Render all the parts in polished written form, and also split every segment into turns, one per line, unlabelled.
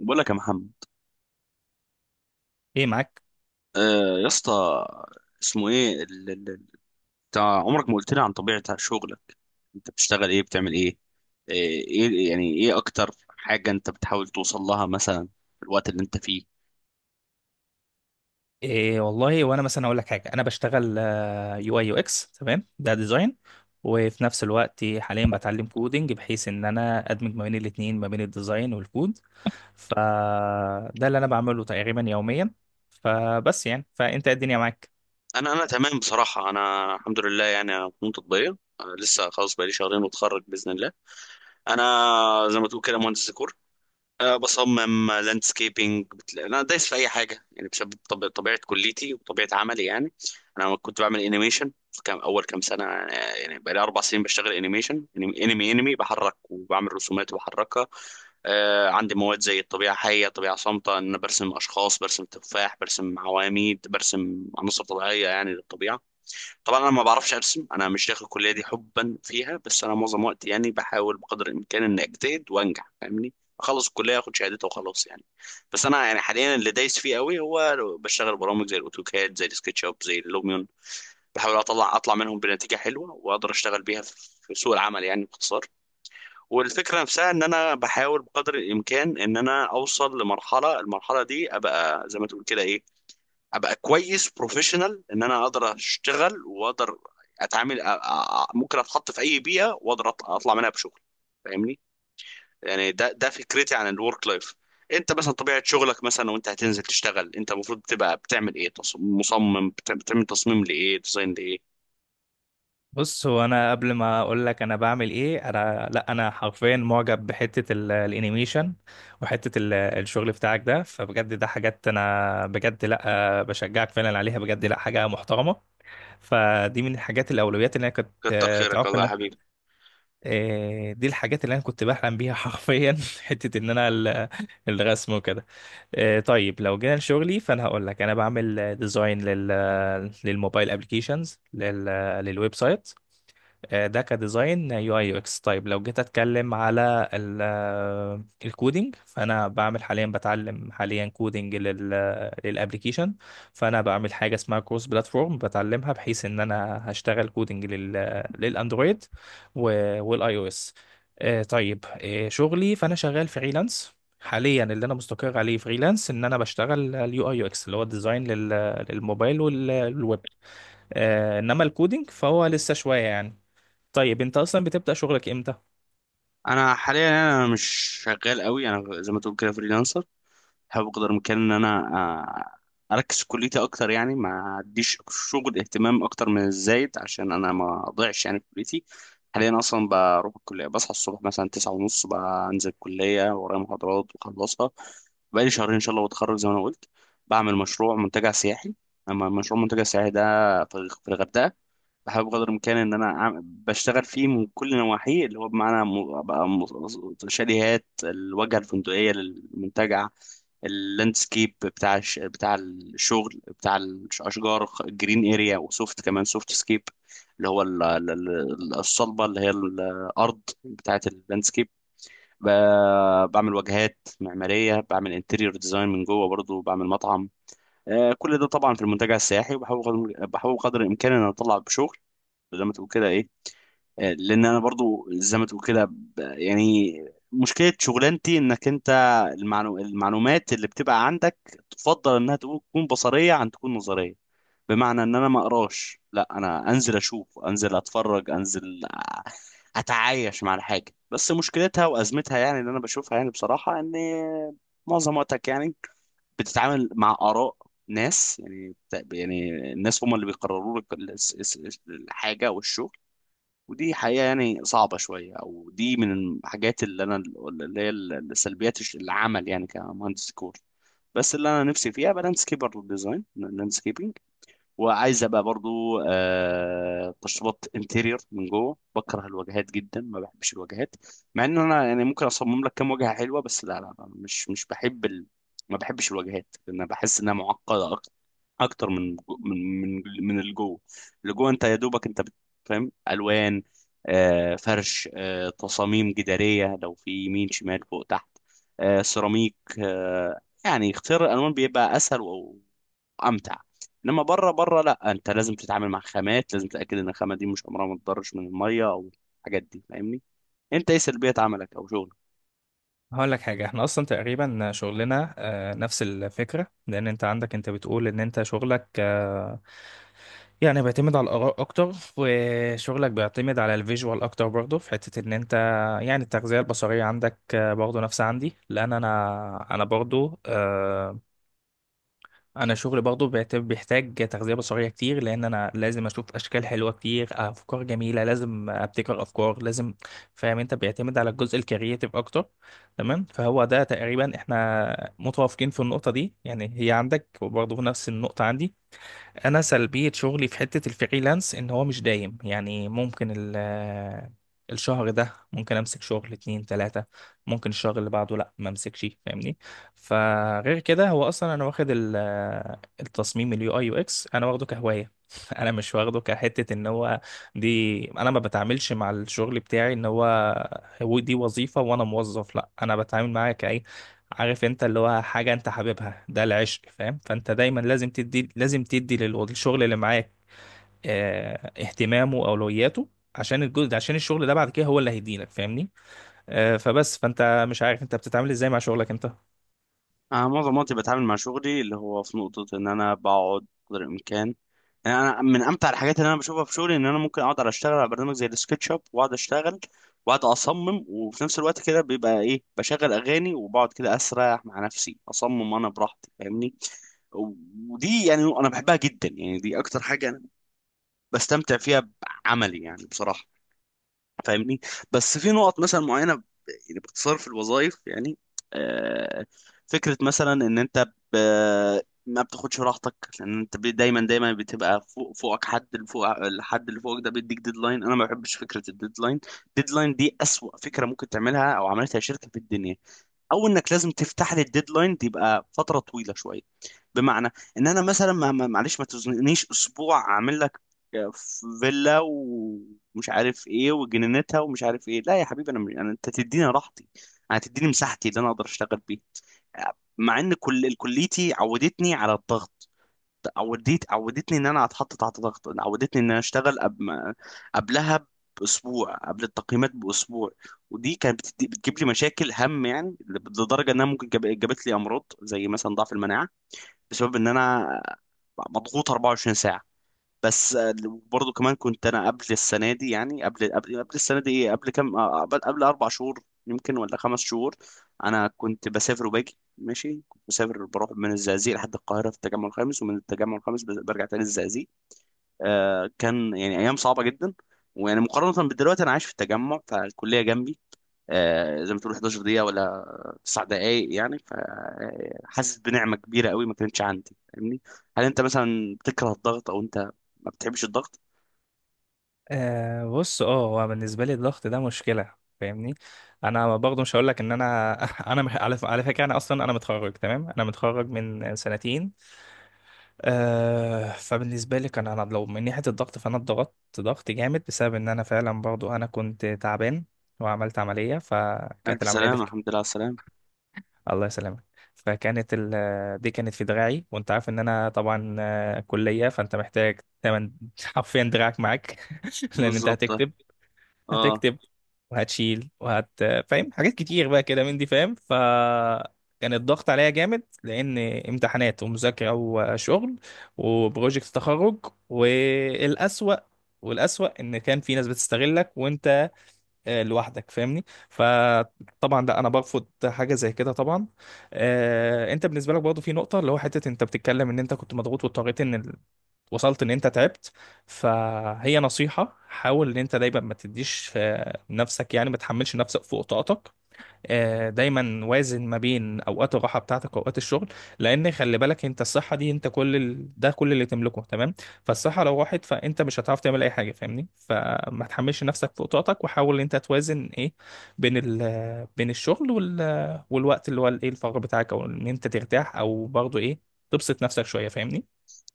بقول لك يا محمد.
ايه معاك؟
آه يا اسطى. اسمه ايه بتاع عمرك ما قلت لي عن طبيعة شغلك. انت بتشتغل ايه بتعمل ايه؟ ايه يعني ايه اكتر حاجة انت بتحاول توصل لها مثلا في الوقت اللي انت فيه؟
إيه والله. وانا مثلا اقول لك حاجه، انا بشتغل يو اي يو اكس. تمام، ده ديزاين. وفي نفس الوقت حاليا بتعلم كودينج، بحيث ان انا ادمج ما بين الاثنين، ما بين الديزاين والكود. فده اللي انا بعمله تقريبا يوميا. فبس يعني، فانت إيه الدنيا معاك؟
انا تمام بصراحة، انا الحمد لله، يعني انا فنون تطبيقية، لسه خلاص بقالي شهرين واتخرج بإذن الله. انا زي ما تقول كده مهندس ديكور، أه بصمم لاندسكيبنج. انا دايس في اي حاجه يعني، بسبب طبيعه كليتي وطبيعه عملي يعني. انا كنت بعمل انيميشن في كام اول كام سنه آه، يعني بقالي اربع سنين بشتغل انيميشن، انمي بحرك وبعمل رسومات وبحركها. عندي مواد زي الطبيعه حيه، طبيعه صامته، ان انا برسم اشخاص، برسم تفاح، برسم عواميد، برسم عناصر طبيعيه يعني للطبيعه. طبعا انا ما بعرفش ارسم، انا مش داخل الكليه دي حبا فيها، بس انا معظم وقتي يعني بحاول بقدر الامكان اني اجتهد وانجح، فاهمني. اخلص الكليه اخد شهادتها وخلاص يعني. بس انا يعني حاليا اللي دايس فيه قوي هو بشتغل برامج زي الاوتوكاد، زي السكتش اب، زي اللوميون. بحاول اطلع منهم بنتيجه حلوه واقدر اشتغل بيها في سوق العمل يعني باختصار. والفكره نفسها ان انا بحاول بقدر الامكان ان انا اوصل لمرحله المرحله دي، ابقى زي ما تقول كده ابقى كويس بروفيشنال، ان انا اقدر اشتغل واقدر اتعامل، ممكن اتحط في اي بيئه واقدر اطلع منها بشغل، فاهمني. يعني ده فكرتي عن الورك لايف. انت مثلا طبيعه شغلك مثلا، وانت هتنزل تشتغل، انت المفروض تبقى بتعمل ايه؟ مصمم بتعمل تصميم لايه؟ ديزاين لايه؟
بص، هو انا قبل ما اقول لك انا بعمل ايه، انا لا، انا حرفيا معجب بحته الانيميشن، وحته الشغل بتاعك ده. فبجد ده حاجات انا بجد لا بشجعك فعلا عليها، بجد لا، حاجه محترمه. فدي من الحاجات الأولويات اللي أنا كنت،
كتر خيرك
تعرف
الله يا
إن...
حبيبي.
دي الحاجات اللي أنا كنت بحلم بيها حرفيا. حتة إن أنا الرسم وكده. طيب لو جينا لشغلي فأنا هقول لك أنا بعمل ديزاين لل، للموبايل أبلكيشنز، للويب سايت. ده كديزاين يو اي يو اكس. طيب لو جيت اتكلم على الكودينج، فانا بعمل حاليا، بتعلم حاليا كودينج للابليكيشن. فانا بعمل حاجه اسمها كروس بلاتفورم بتعلمها، بحيث ان انا هشتغل كودينج للاندرويد والاي او اس. طيب، شغلي فانا شغال فريلانس حاليا. اللي انا مستقر عليه فريلانس ان انا بشتغل اليو اي يو اكس، اللي هو الديزاين للموبايل والويب. انما الكودينج فهو لسه شويه يعني. طيب انت اصلا بتبدأ شغلك امتى؟
انا حاليا مش شغال قوي، انا زي ما تقول كده فريلانسر. بحاول بقدر الامكان ان انا اركز في كليتي اكتر، يعني ما اديش شغل اهتمام اكتر من الزايد عشان انا ما اضيعش يعني في كليتي. حاليا اصلا بروح الكليه، بصحى الصبح مثلا تسعة ونص بنزل الكليه، ورايا محاضرات بخلصها. بقالي شهرين ان شاء الله واتخرج زي ما انا قلت. بعمل مشروع منتجع سياحي. اما مشروع منتجع سياحي ده في الغردقه. بحاول بقدر الامكان ان انا أعمل بشتغل فيه من كل نواحيه، اللي هو بمعنى شاليهات الواجهه الفندقيه للمنتجع، اللاندسكيب بتاع الشغل بتاع الاشجار، جرين اريا، وسوفت كمان سوفت سكيب اللي هو الصلبه اللي هي الارض بتاعه اللاندسكيب. بعمل واجهات معماريه، بعمل انتيريور ديزاين من جوه، برضو بعمل مطعم. كل ده طبعا في المنتجع السياحي. وبحاول قدر الامكان ان أنا اطلع بشغل زي ما تقول كده ايه. لان انا برضو زي ما تقول كده يعني مشكله شغلانتي انك انت المعلومات اللي بتبقى عندك تفضل انها تكون بصريه عن تكون نظريه. بمعنى ان انا ما اقراش، لا انا انزل اشوف، انزل اتفرج، انزل اتعايش مع الحاجه. بس مشكلتها وازمتها يعني اللي انا بشوفها يعني بصراحه، ان معظم وقتك يعني بتتعامل مع آراء ناس، يعني يعني الناس هم اللي بيقرروا لك الحاجة والشغل. ودي حقيقة يعني صعبة شوية، أو دي من الحاجات اللي أنا اللي هي العمل يعني كمهندس ديكور. بس اللي أنا نفسي فيها بقى لاندسكيبر ديزاين لاندسكيبنج، وعايز أبقى برضو آه تشطيبات انتيريور من جوه. بكره الواجهات جدا، ما بحبش الواجهات، مع إن أنا يعني ممكن أصمم لك كام واجهة حلوة، بس لا لا لا، مش بحب ال... ما بحبش الواجهات لأن بحس إنها معقدة اكتر من من اللي جوه. اللي جوه انت يا دوبك انت فاهم الوان، فرش، تصاميم جداريه لو في يمين شمال فوق تحت، سيراميك. يعني اختيار الالوان بيبقى اسهل و- وامتع. انما بره لا، انت لازم تتعامل مع خامات، لازم تتاكد ان الخامه دي مش عمرها ما تضرش من الميه او الحاجات دي، فاهمني. انت ايه سلبيات عملك او شغلك؟
هقول لك حاجة، احنا اصلا تقريبا شغلنا نفس الفكرة. لان انت عندك، انت بتقول ان انت شغلك يعني بيعتمد على الاراء اكتر، وشغلك بيعتمد على الفيجوال اكتر برضه، في حتة ان انت يعني التغذية البصرية عندك، برضه نفس عندي، لان انا برضه، انا شغلي برضه بيحتاج تغذيه بصريه كتير، لان انا لازم اشوف اشكال حلوه كتير، افكار جميله، لازم ابتكر افكار لازم، فاهم؟ انت بيعتمد على الجزء الكرياتيف اكتر. تمام، فهو ده تقريبا احنا متوافقين في النقطه دي يعني، هي عندك وبرضه في نفس النقطه عندي. انا سلبيه شغلي في حته الفريلانس ان هو مش دايم يعني. ممكن الشهر ده ممكن امسك شغل اتنين تلاتة، ممكن الشهر اللي بعده لا، ما امسكش، فاهمني. فغير كده هو اصلا انا واخد التصميم اليو اي يو اكس، انا واخده كهواية. انا مش واخده كحتة ان هو، دي انا ما بتعاملش مع الشغل بتاعي ان هو دي وظيفة وانا موظف. لا، انا بتعامل معاه، عارف انت، اللي هو حاجة انت حاببها، ده العشق، فاهم؟ فانت دايما لازم تدي، لازم تدي للشغل اللي معاك اه، اهتمامه واولوياته، عشان الجزء ده، عشان الشغل ده بعد كده هو اللي هيديلك، فاهمني. اه، فبس، فانت مش عارف انت بتتعامل ازاي مع شغلك انت.
انا معظم وقتي بتعامل مع شغلي اللي هو في نقطة ان انا بقعد قدر الامكان. يعني انا من امتع الحاجات اللي انا بشوفها في شغلي ان انا ممكن اقعد على اشتغل على برنامج زي السكتش اب، واقعد اشتغل واقعد اصمم، وفي نفس الوقت كده بيبقى ايه بشغل اغاني وبقعد كده اسرح مع نفسي اصمم انا براحتي، فاهمني. ودي يعني انا بحبها جدا، يعني دي اكتر حاجة انا بستمتع فيها بعملي يعني بصراحة، فاهمني. بس في نقط مثلا معينه يعني باختصار في الوظائف يعني، آه، فكره مثلا ان انت ب- ما بتاخدش راحتك، لان انت دايما بتبقى فوق، فوقك حد اللي فوق الحد اللي فوقك ده بيديك ديدلاين. انا ما بحبش فكره الديدلاين. ديدلاين دي اسوأ فكره ممكن تعملها او عملتها شركه في الدنيا. او انك لازم تفتح لي الديدلاين دي، يبقى فتره طويله شويه. بمعنى ان انا مثلا معلش ما تزنقنيش اسبوع اعمل لك آه، فيلا ومش عارف ايه وجنينتها ومش عارف ايه. لا يا حبيبي انا مش... أنا انت تديني راحتي، انا تديني مساحتي اللي انا اقدر اشتغل بيها. مع ان كل كليتي عودتني على الضغط، عودتني ان انا اتحط تحت ضغط، عودتني ان انا اشتغل قبل ما قبلها باسبوع، قبل التقييمات باسبوع. ودي كانت بتدي... بتجيب لي مشاكل هم يعني، لدرجه انها ممكن جاب... جابت لي امراض زي مثلا ضعف المناعه، بسبب ان انا مضغوط 24 ساعه. بس برضه كمان كنت انا قبل السنه دي يعني قبل السنه دي ايه قبل كام قبل اربع شهور يمكن ولا خمس شهور. انا كنت بسافر وباجي ماشي، كنت بسافر بروح من الزقازيق لحد القاهره في التجمع الخامس، ومن التجمع الخامس برجع تاني الزقازيق. آه كان يعني ايام صعبه جدا. ويعني مقارنه بدلوقتي انا عايش في التجمع فالكليه جنبي، زي ما تقول 11 دقيقة ولا 9 دقايق يعني، فحاسس بنعمة كبيرة قوي ما كانتش عندي، فاهمني. هل انت مثلا بتكره الضغط او انت ما بتحبش الضغط؟
بص، هو بالنسبه لي الضغط ده مشكله، فاهمني. انا برضه مش هقول لك ان انا... انا مح- على ف- على فكره، انا اصلا انا متخرج، تمام، انا متخرج من سنتين. فبالنسبة لي، كان أنا لو من ناحية الضغط فأنا اتضغطت ضغط جامد، بسبب إن أنا فعلا برضو أنا كنت تعبان، وعملت عملية، فكانت
الف
العملية دي في...
سلامة، الحمد لله على السلامة.
الله يسلمك. فكانت دي كانت في دراعي، وأنت عارف إن أنا طبعا، كلية، فأنت محتاج تمن حرفيا دراعك معاك. لأن أنت
بالظبط اه.
هتكتب، هتكتب وهتشيل فاهم؟ حاجات كتير بقى كده من دي، فاهم، فكان الضغط عليا جامد، لان امتحانات ومذاكره وشغل وبروجكت تخرج، والاسوأ، ان كان في ناس بتستغلك وانت لوحدك، فاهمني. فطبعا لا، انا برفض حاجه زي كده طبعا. انت بالنسبه لك برضه في نقطه، اللي هو حته انت بتتكلم ان انت كنت مضغوط واضطريت ان... وصلت ان انت تعبت. فهي نصيحة، حاول ان انت دايما ما تديش نفسك، يعني ما تحملش نفسك فوق طاقتك. دايما وازن ما بين اوقات الراحة بتاعتك واوقات الشغل، لان خلي بالك انت، الصحة دي انت كل ده كل اللي تملكه، تمام. فالصحة لو راحت فانت مش هتعرف تعمل اي حاجة، فاهمني. فما تحملش نفسك فوق طاقتك، وحاول ان انت توازن ايه بين الشغل والوقت اللي هو الايه الفراغ بتاعك، او ان انت ترتاح، او برضه ايه تبسط نفسك شوية، فاهمني.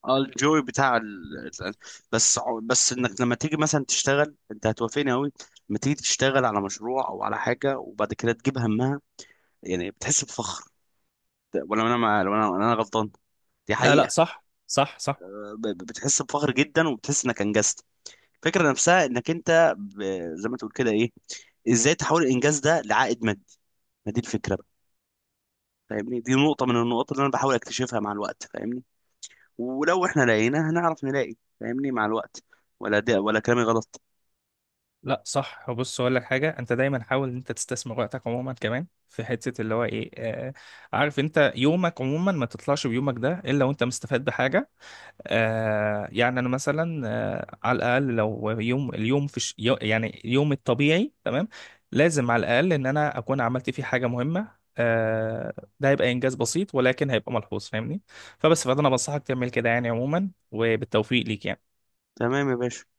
اه الجوي بتاع بس بس انك لما تيجي مثلا تشتغل انت هتوافقني قوي، لما تيجي تشتغل على مشروع او على حاجة وبعد كده تجيب همها يعني، بتحس بفخر. ولا انا مع... ولا انا ولا انا غلطان؟ دي
لا لا،
حقيقة.
صح صح صح.
بتحس بفخر جدا وبتحس انك انجزت. الفكره نفسها انك انت زي ما تقول كده ايه، ازاي تحول الانجاز ده لعائد مادي؟ ما دي الفكره بقى، فاهمني. دي نقطه من النقاط اللي انا بحاول اكتشفها مع الوقت، فاهمني. ولو احنا لقينا هنعرف نلاقي فاهمني مع الوقت. ولا ده ولا كلامي غلط؟
لا صح، بص اقول لك حاجه. انت دايما حاول ان انت تستثمر وقتك عموما، كمان في حته اللي هو ايه، عارف انت يومك عموما ما تطلعش بيومك ده الا وانت مستفاد بحاجه. يعني انا مثلا على الاقل لو يوم اليوم يعني اليوم الطبيعي، تمام، لازم على الاقل ان انا اكون عملت فيه حاجه مهمه. آه. ده هيبقى انجاز بسيط ولكن هيبقى ملحوظ، فاهمني. فبس، فانا بنصحك تعمل كده يعني عموما، وبالتوفيق ليك يعني.
تمام يا باشا.